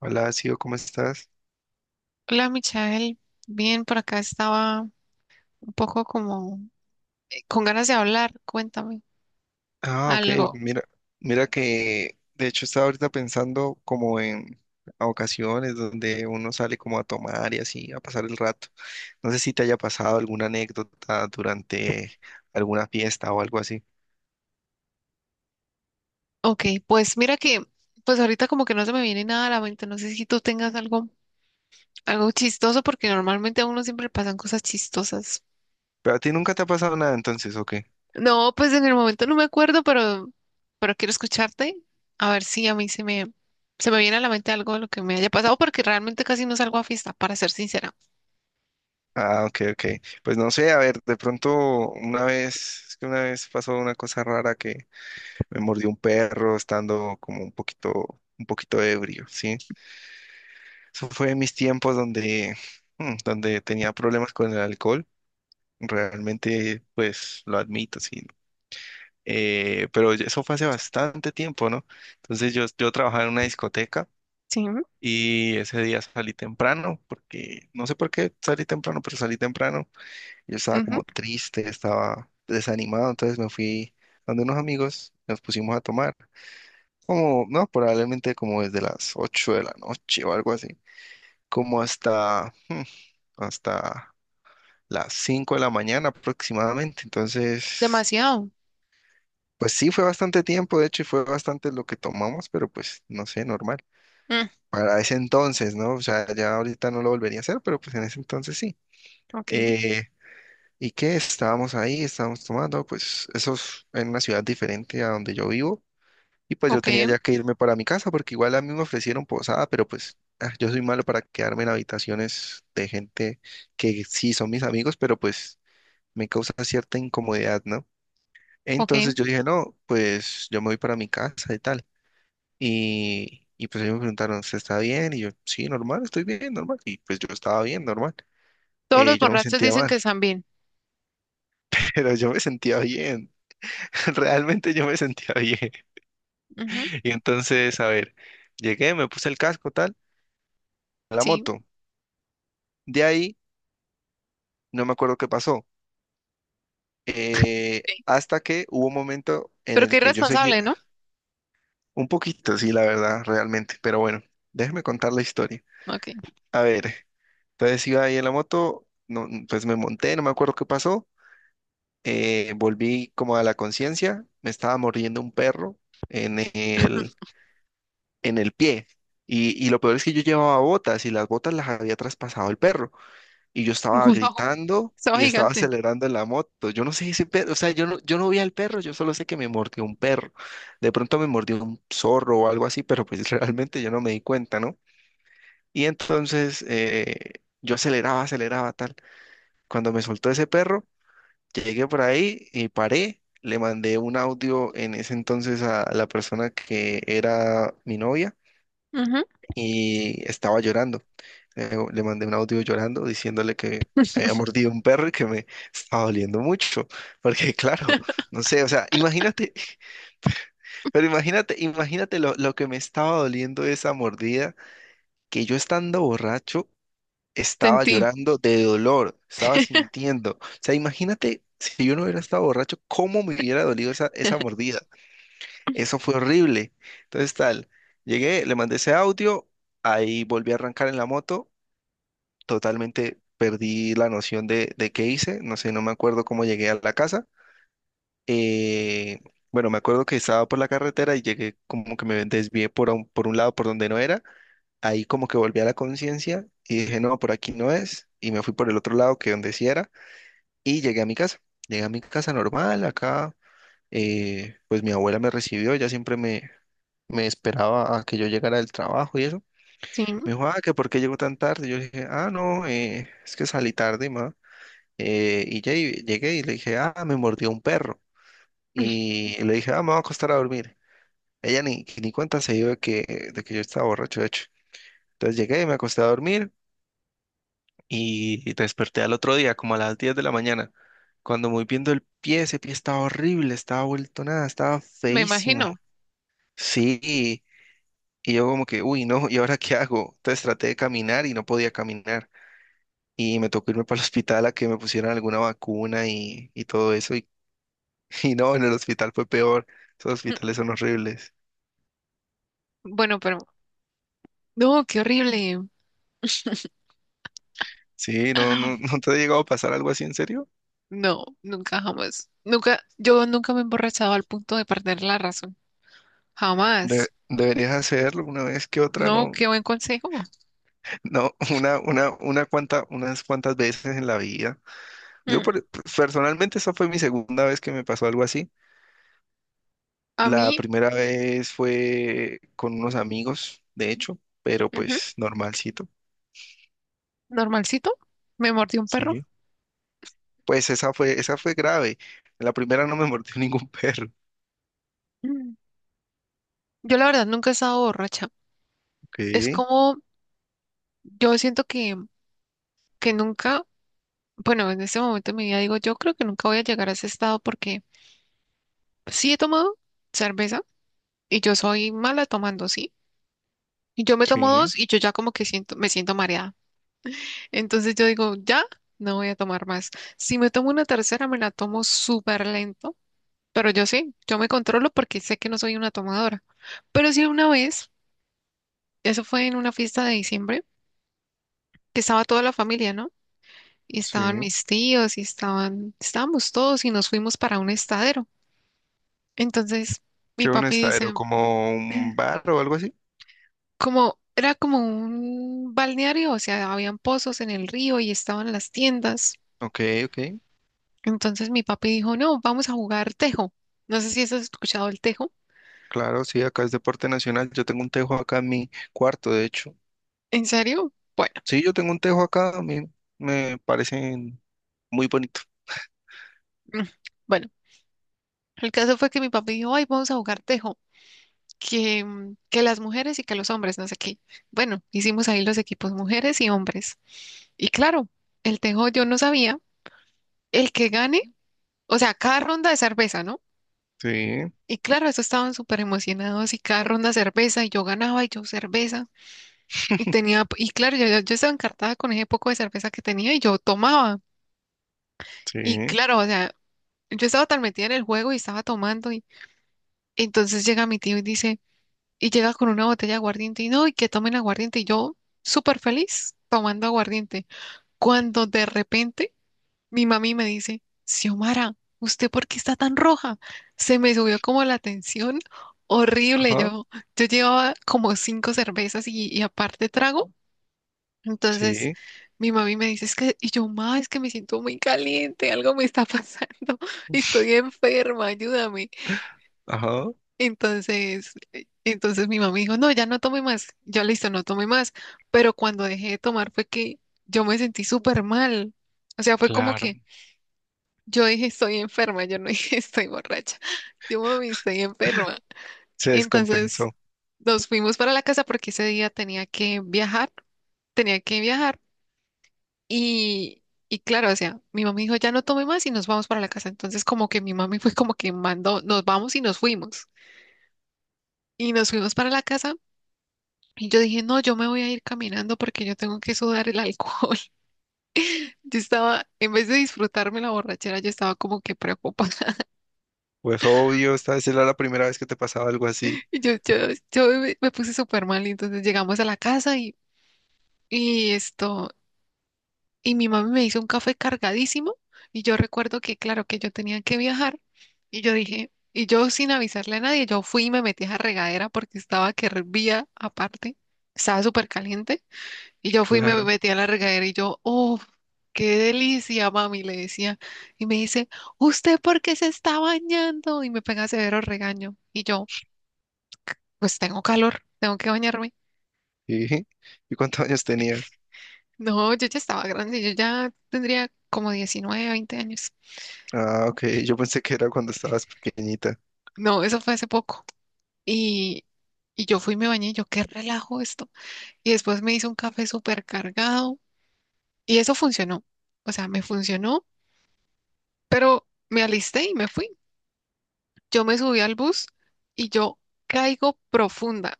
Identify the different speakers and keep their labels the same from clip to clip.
Speaker 1: Hola, Sio, ¿cómo estás?
Speaker 2: Hola, Michael. Bien, por acá estaba un poco como con ganas de hablar. Cuéntame
Speaker 1: Ah, ok,
Speaker 2: algo.
Speaker 1: mira, mira que de hecho estaba ahorita pensando como en ocasiones donde uno sale como a tomar y así, a pasar el rato. No sé si te haya pasado alguna anécdota durante alguna fiesta o algo así.
Speaker 2: Ok, pues mira que, pues ahorita como que no se me viene nada a la mente. No sé si tú tengas algo, algo chistoso, porque normalmente a uno siempre le pasan cosas chistosas.
Speaker 1: Pero a ti nunca te ha pasado nada entonces, ¿o qué?
Speaker 2: No, pues en el momento no me acuerdo, pero quiero escucharte. A ver si a mí se me viene a la mente algo de lo que me haya pasado, porque realmente casi no salgo a fiesta, para ser sincera.
Speaker 1: Ah, ok, ok. Pues no sé, a ver, de pronto una vez, es que una vez pasó una cosa rara que me mordió un perro estando como un poquito ebrio, ¿sí? Eso fue en mis tiempos donde tenía problemas con el alcohol. Realmente, pues lo admito, sí. Eso fue hace bastante tiempo, ¿no? Entonces yo trabajaba en una discoteca
Speaker 2: Sí.
Speaker 1: y ese día salí temprano, porque no sé por qué salí temprano, pero salí temprano. Yo estaba
Speaker 2: Ujú.
Speaker 1: como triste, estaba desanimado, entonces me fui donde unos amigos, nos pusimos a tomar. Como, no, probablemente como desde las 8 de la noche o algo así. como hasta, hmm, hasta las 5 de la mañana aproximadamente. Entonces,
Speaker 2: Demasiado.
Speaker 1: pues sí, fue bastante tiempo, de hecho, y fue bastante lo que tomamos, pero pues no sé, normal.
Speaker 2: Mm,
Speaker 1: Para ese entonces, ¿no? O sea, ya ahorita no lo volvería a hacer, pero pues en ese entonces sí.
Speaker 2: ok,
Speaker 1: Eh, ¿Y qué? Estábamos ahí, estábamos tomando, pues eso es en una ciudad diferente a donde yo vivo. Y pues yo tenía
Speaker 2: ok,
Speaker 1: ya que irme para mi casa porque igual a mí me ofrecieron posada, pero pues yo soy malo para quedarme en habitaciones de gente que sí son mis amigos, pero pues me causa cierta incomodidad, ¿no?
Speaker 2: ok.
Speaker 1: Entonces yo dije, no, pues yo me voy para mi casa y tal. Y pues ellos me preguntaron, ¿usted está bien? Y yo, sí, normal, estoy bien, normal. Y pues yo estaba bien, normal.
Speaker 2: Todos los
Speaker 1: Yo no me
Speaker 2: borrachos
Speaker 1: sentía
Speaker 2: dicen
Speaker 1: mal,
Speaker 2: que están bien.
Speaker 1: pero yo me sentía bien. Realmente yo me sentía bien.
Speaker 2: Ujú.
Speaker 1: Y entonces, a ver, llegué, me puse el casco, tal, a la
Speaker 2: Sí,
Speaker 1: moto. De ahí no me acuerdo qué pasó.
Speaker 2: sí.
Speaker 1: Hasta que hubo un momento en
Speaker 2: Pero qué
Speaker 1: el que yo seguía
Speaker 2: irresponsable, ¿no?
Speaker 1: un poquito, sí, la verdad, realmente. Pero bueno, déjeme contar la historia.
Speaker 2: Ok.
Speaker 1: A ver, entonces iba ahí en la moto, no, pues me monté, no me acuerdo qué pasó. Volví como a la conciencia, me estaba mordiendo un perro en el, en el pie. Y lo peor es que yo llevaba botas y las botas las había traspasado el perro. Y yo estaba
Speaker 2: Wow,
Speaker 1: gritando
Speaker 2: estaba
Speaker 1: y estaba
Speaker 2: gigante.
Speaker 1: acelerando en la moto. Yo no sé si perro, o sea, yo no vi al perro, yo solo sé que me mordió un perro. De pronto me mordió un zorro o algo así, pero pues realmente yo no me di cuenta, ¿no? Y entonces yo aceleraba, aceleraba tal. Cuando me soltó ese perro, llegué por ahí y paré. Le mandé un audio en ese entonces a la persona que era mi novia
Speaker 2: Ujú.
Speaker 1: y estaba llorando. Le mandé un audio llorando diciéndole que me había mordido un perro y que me estaba doliendo mucho, porque claro, no sé, o sea, imagínate, pero imagínate, imagínate lo que me estaba doliendo esa mordida, que yo estando borracho estaba
Speaker 2: Sentí.
Speaker 1: llorando de dolor, estaba sintiendo, o sea, imagínate si yo no hubiera estado borracho, cómo me hubiera dolido esa, esa mordida, eso fue horrible, entonces tal, llegué, le mandé ese audio, ahí volví a arrancar en la moto totalmente perdí la noción de qué hice, no sé, no me acuerdo cómo llegué a la casa. Eh, bueno, me acuerdo que estaba por la carretera y llegué como que me desvié por un lado por donde no era, ahí como que volví a la conciencia y dije, no, por aquí no es, y me fui por el otro lado que donde sí era, y llegué a mi casa, llegué a mi casa normal, acá, pues mi abuela me recibió, ella siempre me esperaba a que yo llegara del trabajo y eso.
Speaker 2: Sí,
Speaker 1: Me dijo, ah, que por qué llegó tan tarde. Yo dije, ah, no, es que salí tarde, ma. Y llegué y le dije, ah, me mordió un perro. Y le dije, ah, me voy a acostar a dormir. Ella ni cuenta se dio de que yo estaba borracho, de hecho. Entonces llegué y me acosté a dormir y desperté al otro día, como a las 10 de la mañana. Cuando voy viendo el pie, ese pie estaba horrible, estaba vuelto nada, estaba
Speaker 2: me
Speaker 1: feísimo.
Speaker 2: imagino.
Speaker 1: Sí, y yo como que, uy, no, ¿y ahora qué hago? Entonces traté de caminar y no podía caminar. Y me tocó irme para el hospital a que me pusieran alguna vacuna y todo eso. Y no, en el hospital fue peor. Esos hospitales son horribles.
Speaker 2: Bueno, pero no, qué horrible.
Speaker 1: Sí, no, no, ¿no te ha llegado a pasar algo así en serio?
Speaker 2: No, nunca jamás. Nunca, yo nunca me he emborrachado al punto de perder la razón. Jamás.
Speaker 1: Deberías hacerlo una vez que otra,
Speaker 2: No,
Speaker 1: no,
Speaker 2: qué buen consejo.
Speaker 1: no, una cuanta, unas cuantas veces en la vida. Yo
Speaker 2: Mm.
Speaker 1: per- Personalmente esa fue mi segunda vez que me pasó algo así.
Speaker 2: A
Speaker 1: La
Speaker 2: mí,
Speaker 1: primera vez fue con unos amigos, de hecho, pero
Speaker 2: ujú,
Speaker 1: pues normalcito.
Speaker 2: normalcito, me mordió un perro.
Speaker 1: Sí. Pues esa fue grave. En la primera no me mordió ningún perro.
Speaker 2: Mm. Yo la verdad nunca he estado borracha. Es
Speaker 1: Ok,
Speaker 2: como, yo siento que nunca. Bueno, en este momento de mi vida digo, yo creo que nunca voy a llegar a ese estado porque sí he tomado cerveza y yo soy mala tomando, sí. Y yo me tomo
Speaker 1: sí,
Speaker 2: dos y yo ya como que siento, me siento mareada. Entonces yo digo, ya no voy a tomar más. Si me tomo una tercera, me la tomo súper lento, pero yo sí, yo me controlo porque sé que no soy una tomadora. Pero sí una vez, eso fue en una fiesta de diciembre, que estaba toda la familia, ¿no? Y
Speaker 1: sí.
Speaker 2: estaban mis tíos y estaban, estábamos todos y nos fuimos para un estadero. Entonces
Speaker 1: ¿Qué
Speaker 2: mi
Speaker 1: un
Speaker 2: papi
Speaker 1: estadero?
Speaker 2: dice,
Speaker 1: ¿Como un bar o algo así?
Speaker 2: como era como un balneario, o sea, habían pozos en el río y estaban las tiendas.
Speaker 1: Ok, ok.
Speaker 2: Entonces mi papi dijo, no, vamos a jugar tejo. No sé si has escuchado el tejo.
Speaker 1: Claro, sí, acá es deporte nacional. Yo tengo un tejo acá en mi cuarto, de hecho.
Speaker 2: ¿En serio? Bueno,
Speaker 1: Sí, yo tengo un tejo acá, a mí me parecen muy bonito.
Speaker 2: mm, bueno, el caso fue que mi papi dijo, ay, vamos a jugar tejo. Que, que las mujeres y que los hombres, no sé qué. Bueno, hicimos ahí los equipos mujeres y hombres. Y claro, el tejo yo no sabía. El que gane, o sea, cada ronda de cerveza, ¿no?
Speaker 1: Sí,
Speaker 2: Y claro, eso estaban súper emocionados y cada ronda cerveza y yo ganaba y yo cerveza. Y tenía, y claro, yo, yo estaba encartada con ese poco de cerveza que tenía y yo tomaba. Y
Speaker 1: sí,
Speaker 2: claro, o sea, yo estaba tan metida en el juego y estaba tomando y entonces llega mi tío y dice, y llega con una botella de aguardiente y no, y que tomen aguardiente. Y yo súper feliz tomando aguardiente. Cuando de repente mi mami me dice, Xiomara, ¿usted por qué está tan roja? Se me subió como la tensión horrible.
Speaker 1: ajá,
Speaker 2: Yo llevaba como 5 cervezas y aparte trago. Entonces
Speaker 1: sí,
Speaker 2: mi mami me dice, es que, y yo, ma, es que me siento muy caliente, algo me está pasando, estoy enferma, ayúdame.
Speaker 1: ajá,
Speaker 2: Entonces, entonces mi mami dijo, no, ya no tome más. Yo, listo, no tome más. Pero cuando dejé de tomar fue que yo me sentí súper mal. O sea, fue como
Speaker 1: claro.
Speaker 2: que yo dije estoy enferma, yo no dije estoy borracha. Yo mami, estoy enferma.
Speaker 1: Se
Speaker 2: Entonces
Speaker 1: descompensó.
Speaker 2: nos fuimos para la casa porque ese día tenía que viajar, tenía que viajar. Y, y claro, o sea, mi mamá dijo, ya no tome más y nos vamos para la casa. Entonces como que mi mami fue como que mandó, nos vamos y nos fuimos. Y nos fuimos para la casa y yo dije, no, yo me voy a ir caminando porque yo tengo que sudar el alcohol. Yo estaba, en vez de disfrutarme la borrachera, yo estaba como que preocupada.
Speaker 1: Pues obvio, esta vez era la primera vez que te pasaba algo así.
Speaker 2: Y yo me puse súper mal y entonces llegamos a la casa y esto, y mi mami me hizo un café cargadísimo y yo recuerdo que, claro, que yo tenía que viajar y yo dije, y yo sin avisarle a nadie, yo fui y me metí a la regadera porque estaba que hervía aparte, estaba súper caliente y yo fui y me
Speaker 1: Claro,
Speaker 2: metí a la regadera y yo, oh, qué delicia, mami, le decía. Y me dice, ¿usted por qué se está bañando? Y me pega severo regaño y yo, pues tengo calor, tengo que bañarme.
Speaker 1: sí. ¿Y cuántos años tenías?
Speaker 2: No, yo ya estaba grande, yo ya tendría como 19, 20 años.
Speaker 1: Ah, ok, yo pensé que era cuando estabas pequeñita.
Speaker 2: No, eso fue hace poco. Y, y yo fui y me bañé, y yo qué relajo esto. Y después me hice un café súper cargado y eso funcionó. O sea, me funcionó, pero me alisté y me fui. Yo me subí al bus y yo caigo profunda,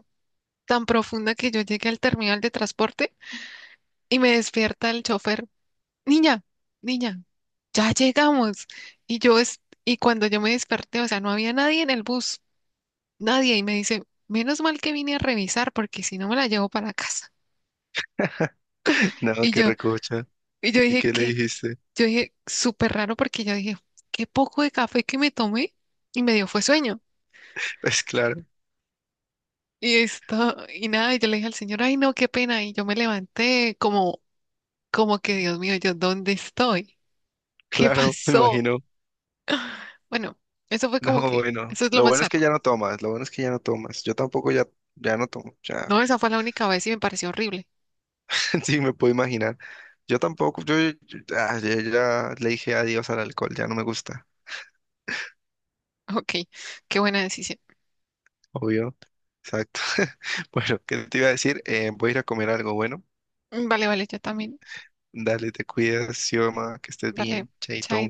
Speaker 2: tan profunda que yo llegué al terminal de transporte y me despierta el chofer niña, niña, ya llegamos. Y yo, es, y cuando yo me desperté, o sea, no había nadie en el bus, nadie, y me dice, menos mal que vine a revisar, porque si no me la llevo para casa.
Speaker 1: No,
Speaker 2: Y
Speaker 1: qué
Speaker 2: yo,
Speaker 1: recocha.
Speaker 2: y yo
Speaker 1: ¿Y
Speaker 2: dije,
Speaker 1: qué le
Speaker 2: ¿qué?
Speaker 1: dijiste?
Speaker 2: Yo dije, súper raro, porque yo dije, qué poco de café que me tomé, y me dio fue sueño.
Speaker 1: Pues claro.
Speaker 2: Y esto, y nada, y yo le dije al señor, ay, no, qué pena, y yo me levanté como, como que, Dios mío, yo, ¿dónde estoy? ¿Qué
Speaker 1: Claro, me
Speaker 2: pasó?
Speaker 1: imagino.
Speaker 2: Bueno, eso fue como
Speaker 1: No,
Speaker 2: que,
Speaker 1: bueno,
Speaker 2: eso es lo
Speaker 1: lo
Speaker 2: más
Speaker 1: bueno es que
Speaker 2: raro.
Speaker 1: ya no tomas, lo bueno es que ya no tomas. Yo tampoco ya, ya no tomo, ya,
Speaker 2: No, esa fue la única vez y me pareció horrible.
Speaker 1: sí me puedo imaginar. Yo tampoco, yo ya le dije adiós al alcohol, ya no me gusta,
Speaker 2: Ok, qué buena decisión.
Speaker 1: obvio, exacto. Bueno, ¿qué te iba a decir? Voy a ir a comer algo bueno.
Speaker 2: Mm, vale, vale, yo también.
Speaker 1: Dale, te cuidas, Xioma, que estés
Speaker 2: Vale,
Speaker 1: bien, chaito.
Speaker 2: chao.